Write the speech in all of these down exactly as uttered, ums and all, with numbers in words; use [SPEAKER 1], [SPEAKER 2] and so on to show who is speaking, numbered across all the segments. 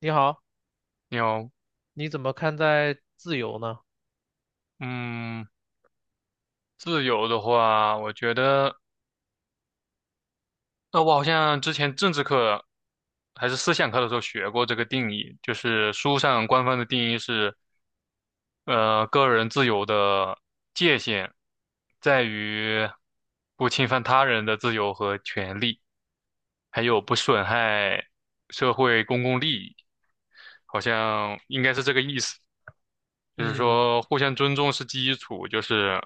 [SPEAKER 1] 你好，
[SPEAKER 2] 你有，
[SPEAKER 1] 你怎么看待自由呢？
[SPEAKER 2] 嗯，自由的话，我觉得，呃，我好像之前政治课还是思想课的时候学过这个定义，就是书上官方的定义是，呃，个人自由的界限在于不侵犯他人的自由和权利，还有不损害社会公共利益，好像应该是这个意思。就是
[SPEAKER 1] 嗯
[SPEAKER 2] 说互相尊重是基础，就是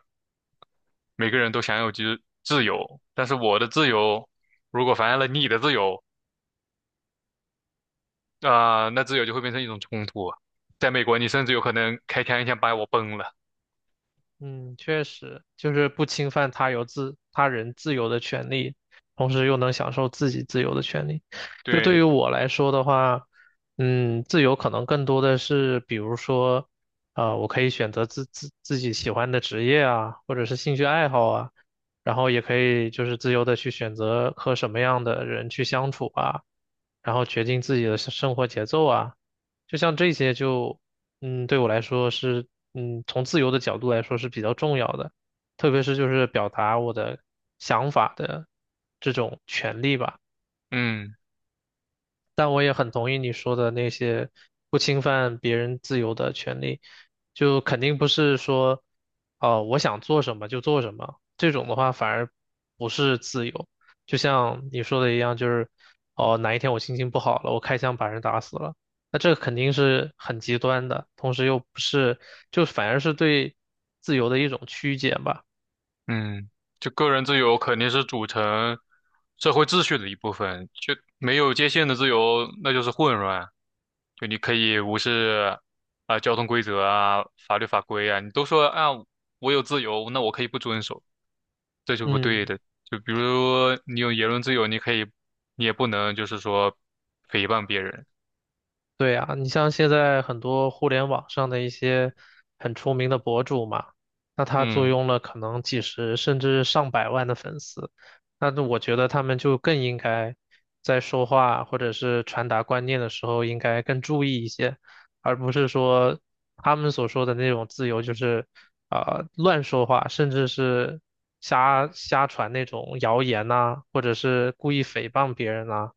[SPEAKER 2] 每个人都享有自自由，但是我的自由如果妨碍了你的自由，啊、那自由就会变成一种冲突啊。在美国，你甚至有可能开枪一枪把我崩了。
[SPEAKER 1] 嗯，确实，就是不侵犯他有自他人自由的权利，同时又能享受自己自由的权利。就对
[SPEAKER 2] 对，
[SPEAKER 1] 于我来说的话，嗯，自由可能更多的是，比如说，呃，我可以选择自自自己喜欢的职业啊，或者是兴趣爱好啊，然后也可以就是自由的去选择和什么样的人去相处啊，然后决定自己的生生活节奏啊。就像这些就，嗯，对我来说是，嗯，从自由的角度来说是比较重要的，特别是就是表达我的想法的这种权利吧。
[SPEAKER 2] 嗯。
[SPEAKER 1] 但我也很同意你说的那些不侵犯别人自由的权利，就肯定不是说，哦，我想做什么就做什么，这种的话反而不是自由。就像你说的一样，就是哦，哪一天我心情不好了，我开枪把人打死了，那这肯定是很极端的，同时又不是，就反而是对自由的一种曲解吧。
[SPEAKER 2] 嗯，就个人自由肯定是组成社会秩序的一部分，就没有界限的自由，那就是混乱。就你可以无视啊、交通规则啊、法律法规啊，你都说啊我有自由，那我可以不遵守，这就不对
[SPEAKER 1] 嗯。
[SPEAKER 2] 的。就比如你有言论自由，你可以，你也不能就是说诽谤别人。
[SPEAKER 1] 对啊，你像现在很多互联网上的一些很出名的博主嘛，那他坐
[SPEAKER 2] 嗯
[SPEAKER 1] 拥了可能几十甚至上百万的粉丝，那我觉得他们就更应该在说话或者是传达观念的时候，应该更注意一些，而不是说他们所说的那种自由，就是啊、呃乱说话，甚至是瞎瞎传那种谣言呐，或者是故意诽谤别人呐，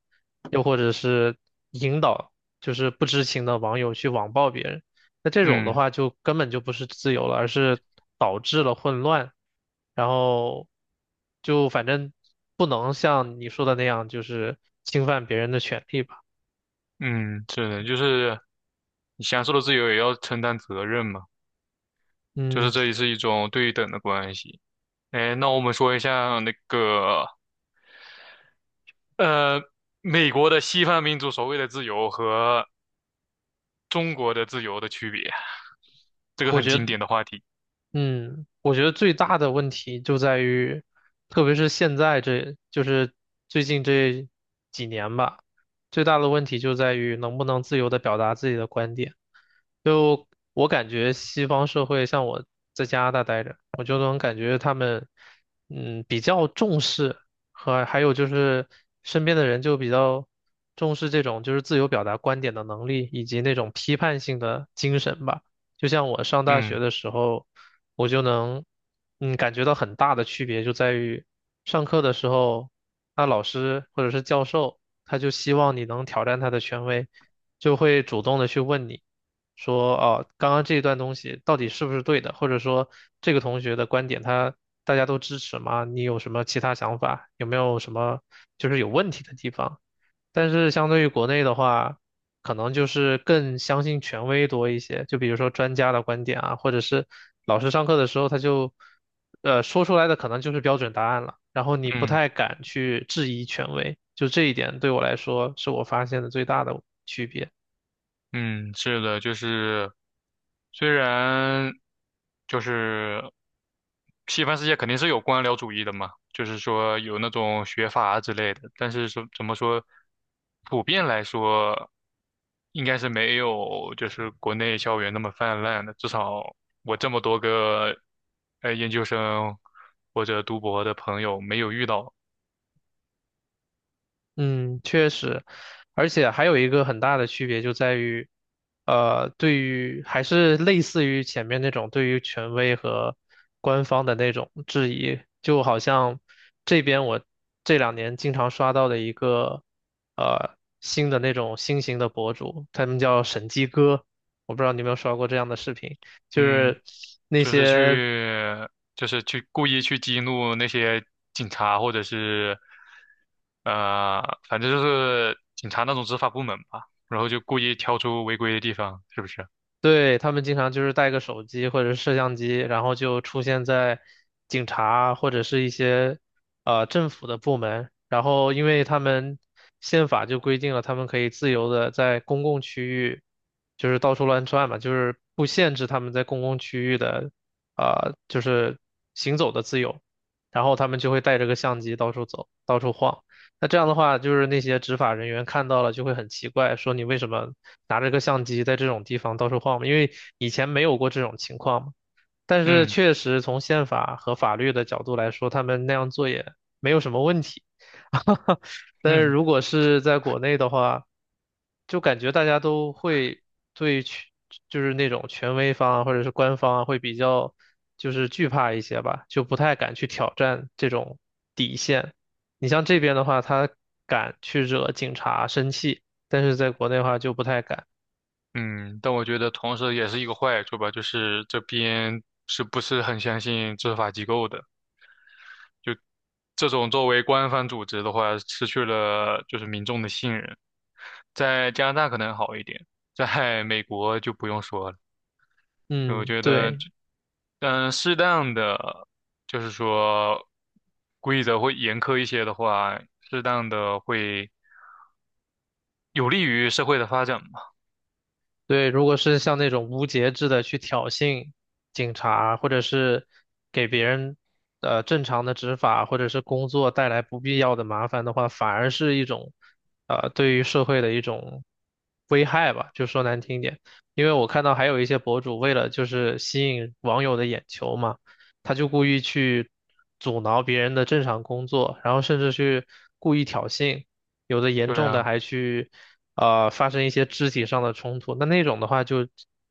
[SPEAKER 1] 又或者是，引导，就是不知情的网友去网暴别人，那这种的
[SPEAKER 2] 嗯
[SPEAKER 1] 话就根本就不是自由了，而是导致了混乱，然后就反正不能像你说的那样，就是侵犯别人的权利吧。
[SPEAKER 2] 嗯，是的，就是你享受的自由也要承担责任嘛，就是
[SPEAKER 1] 嗯，
[SPEAKER 2] 这也是一种对等的关系。哎，那我们说一下那个呃，美国的西方民族所谓的自由和中国的自由的区别，这个
[SPEAKER 1] 我
[SPEAKER 2] 很
[SPEAKER 1] 觉
[SPEAKER 2] 经
[SPEAKER 1] 得。
[SPEAKER 2] 典的话题。
[SPEAKER 1] 嗯，我觉得最大的问题就在于，特别是现在这，就是最近这几年吧，最大的问题就在于能不能自由的表达自己的观点。就我感觉西方社会，像我在加拿大待着，我就能感觉他们，嗯，比较重视和还有就是身边的人就比较重视这种就是自由表达观点的能力以及那种批判性的精神吧。就像我上大学
[SPEAKER 2] 嗯
[SPEAKER 1] 的时候，我就能，嗯，感觉到很大的区别就在于，上课的时候，那老师或者是教授，他就希望你能挑战他的权威，就会主动的去问你，说，哦，刚刚这一段东西到底是不是对的，或者说这个同学的观点他大家都支持吗？你有什么其他想法？有没有什么就是有问题的地方？但是相对于国内的话，可能就是更相信权威多一些，就比如说专家的观点啊，或者是老师上课的时候他就，呃，说出来的可能就是标准答案了，然后你不
[SPEAKER 2] 嗯。
[SPEAKER 1] 太敢去质疑权威，就这一点对我来说是我发现的最大的区别。
[SPEAKER 2] 嗯，是的，就是虽然就是西方世界肯定是有官僚主义的嘛，就是说有那种学阀之类的，但是说怎么说，普遍来说应该是没有就是国内校园那么泛滥的，至少我这么多个呃研究生或者读博的朋友没有遇到。
[SPEAKER 1] 嗯，确实，而且还有一个很大的区别就在于，呃，对于还是类似于前面那种对于权威和官方的那种质疑，就好像这边我这两年经常刷到的一个呃新的那种新型的博主，他们叫审计哥，我不知道你有没有刷过这样的视频，就
[SPEAKER 2] 嗯。
[SPEAKER 1] 是那
[SPEAKER 2] 就是
[SPEAKER 1] 些。
[SPEAKER 2] 去，就是去故意去激怒那些警察，或者是，呃，反正就是警察那种执法部门吧，然后就故意挑出违规的地方，是不是？
[SPEAKER 1] 对，他们经常就是带个手机或者是摄像机，然后就出现在警察或者是一些呃政府的部门，然后因为他们宪法就规定了，他们可以自由的在公共区域就是到处乱窜嘛，就是不限制他们在公共区域的啊就是行走的自由，然后他们就会带着个相机到处走，到处晃。那这样的话，就是那些执法人员看到了就会很奇怪，说你为什么拿着个相机在这种地方到处晃嘛？因为以前没有过这种情况嘛。但是
[SPEAKER 2] 嗯
[SPEAKER 1] 确实从宪法和法律的角度来说，他们那样做也没有什么问题。但是
[SPEAKER 2] 嗯
[SPEAKER 1] 如果是在国内的话，就感觉大家都会对权，就是那种权威方啊，或者是官方啊，会比较就是惧怕一些吧，就不太敢去挑战这种底线。你像这边的话，他敢去惹警察生气，但是在国内的话就不太敢。
[SPEAKER 2] 嗯，但我觉得同时也是一个坏处吧，就是这边是不是很相信执法机构的？就这种作为官方组织的话，失去了就是民众的信任。在加拿大可能好一点，在美国就不用说了。对，我
[SPEAKER 1] 嗯，
[SPEAKER 2] 觉得
[SPEAKER 1] 对。
[SPEAKER 2] 但嗯，适当的就是说规则会严苛一些的话，适当的会有利于社会的发展嘛。
[SPEAKER 1] 对，如果是像那种无节制的去挑衅警察，或者是给别人呃正常的执法或者是工作带来不必要的麻烦的话，反而是一种呃对于社会的一种危害吧，就说难听点。因为我看到还有一些博主为了就是吸引网友的眼球嘛，他就故意去阻挠别人的正常工作，然后甚至去故意挑衅。有的严
[SPEAKER 2] 对
[SPEAKER 1] 重的
[SPEAKER 2] 啊，
[SPEAKER 1] 还去呃发生一些肢体上的冲突，那那种的话就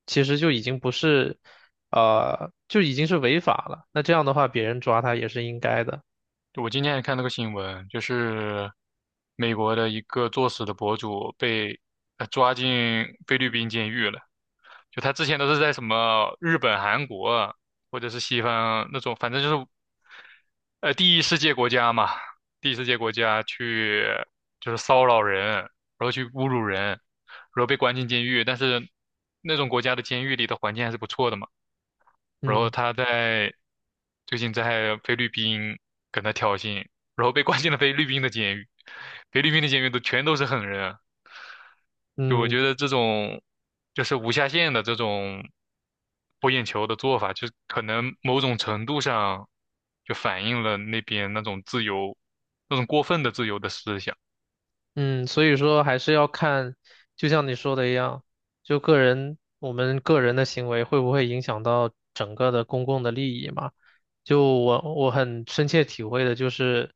[SPEAKER 1] 其实就已经不是呃就已经是违法了，那这样的话别人抓他也是应该的，
[SPEAKER 2] 我今天还看那个新闻，就是美国的一个作死的博主被呃抓进菲律宾监狱了。就他之前都是在什么日本、韩国或者是西方那种，反正就是呃第一世界国家嘛，第一世界国家去就是骚扰人，然后去侮辱人，然后被关进监狱。但是那种国家的监狱里的环境还是不错的嘛。然后
[SPEAKER 1] 嗯
[SPEAKER 2] 他在最近在菲律宾跟他挑衅，然后被关进了菲律宾的监狱，菲律宾的监狱都全都是狠人啊，就我
[SPEAKER 1] 嗯。
[SPEAKER 2] 觉得这种就是无下限的这种博眼球的做法，就是可能某种程度上就反映了那边那种自由，那种过分的自由的思想。
[SPEAKER 1] 嗯，所以说还是要看，就像你说的一样，就个人，我们个人的行为会不会影响到整个的公共的利益嘛？就我我很深切体会的就是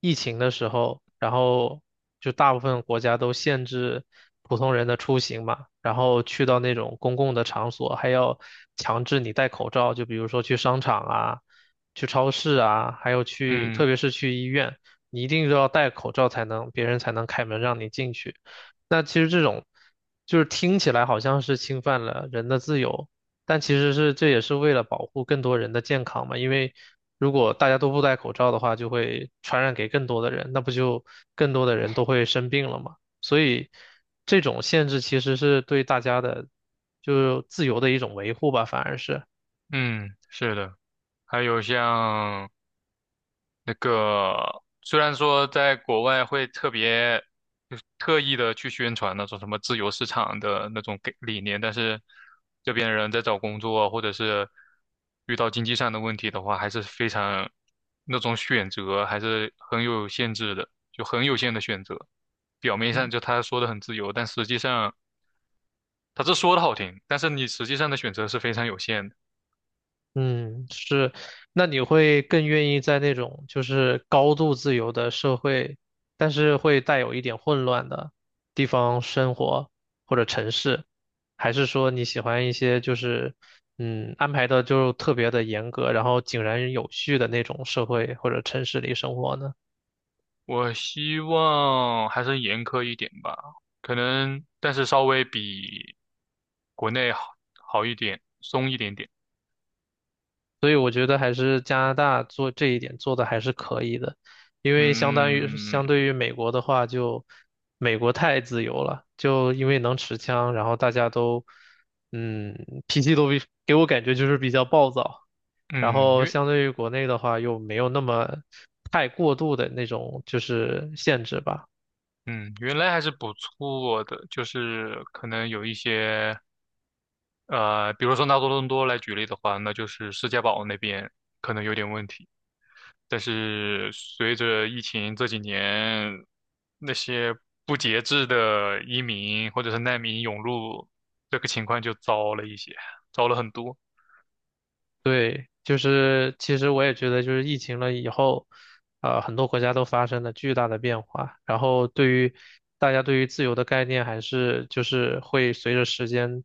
[SPEAKER 1] 疫情的时候，然后就大部分国家都限制普通人的出行嘛，然后去到那种公共的场所还要强制你戴口罩，就比如说去商场啊、去超市啊，还有去，特
[SPEAKER 2] 嗯
[SPEAKER 1] 别是去医院。你一定就要戴口罩才能，别人才能开门让你进去。那其实这种就是听起来好像是侵犯了人的自由，但其实是这也是为了保护更多人的健康嘛。因为如果大家都不戴口罩的话，就会传染给更多的人，那不就更多的人都会生病了嘛。所以这种限制其实是对大家的就自由的一种维护吧，反而是。
[SPEAKER 2] 嗯，是的，还有像。那个虽然说在国外会特别就是特意的去宣传那种什么自由市场的那种给理念，但是这边人在找工作啊或者是遇到经济上的问题的话，还是非常那种选择还是很有限制的，就很有限的选择。表面
[SPEAKER 1] 嗯。
[SPEAKER 2] 上就他说的很自由，但实际上他这说的好听，但是你实际上的选择是非常有限的。
[SPEAKER 1] 嗯，是，那你会更愿意在那种就是高度自由的社会，但是会带有一点混乱的地方生活或者城市，还是说你喜欢一些就是嗯安排的就特别的严格，然后井然有序的那种社会或者城市里生活呢？
[SPEAKER 2] 我希望还是严苛一点吧，可能，但是稍微比国内好好一点，松一点点。
[SPEAKER 1] 所以我觉得还是加拿大做这一点做的还是可以的，因为相当于
[SPEAKER 2] 嗯
[SPEAKER 1] 相对于美国的话就，美国太自由了，就因为能持枪，然后大家都，嗯，脾气都比给我感觉就是比较暴躁，然
[SPEAKER 2] 嗯，
[SPEAKER 1] 后
[SPEAKER 2] 原
[SPEAKER 1] 相对于国内的话又没有那么太过度的那种就是限制吧。
[SPEAKER 2] 嗯原来还是不错的，就是可能有一些。呃，比如说拿多伦多来举例的话，那就是世界堡那边可能有点问题。但是随着疫情这几年，那些不节制的移民或者是难民涌入，这个情况就糟了一些，糟了很多。
[SPEAKER 1] 对，就是其实我也觉得，就是疫情了以后，呃，很多国家都发生了巨大的变化，然后对于大家对于自由的概念，还是就是会随着时间，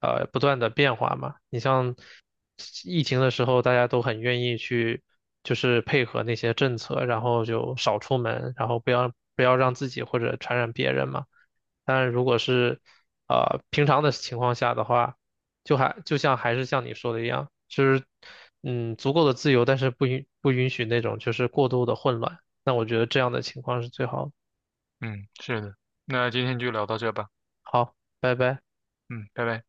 [SPEAKER 1] 呃，不断的变化嘛。你像疫情的时候，大家都很愿意去，就是配合那些政策，然后就少出门，然后不要不要让自己或者传染别人嘛。但是如果是啊呃平常的情况下的话，就还就像还是像你说的一样，就是嗯足够的自由，但是不允不允许那种就是过度的混乱。那我觉得这样的情况是最好的。
[SPEAKER 2] 嗯，是的。那今天就聊到这吧。
[SPEAKER 1] 好，拜拜。
[SPEAKER 2] 嗯，拜拜。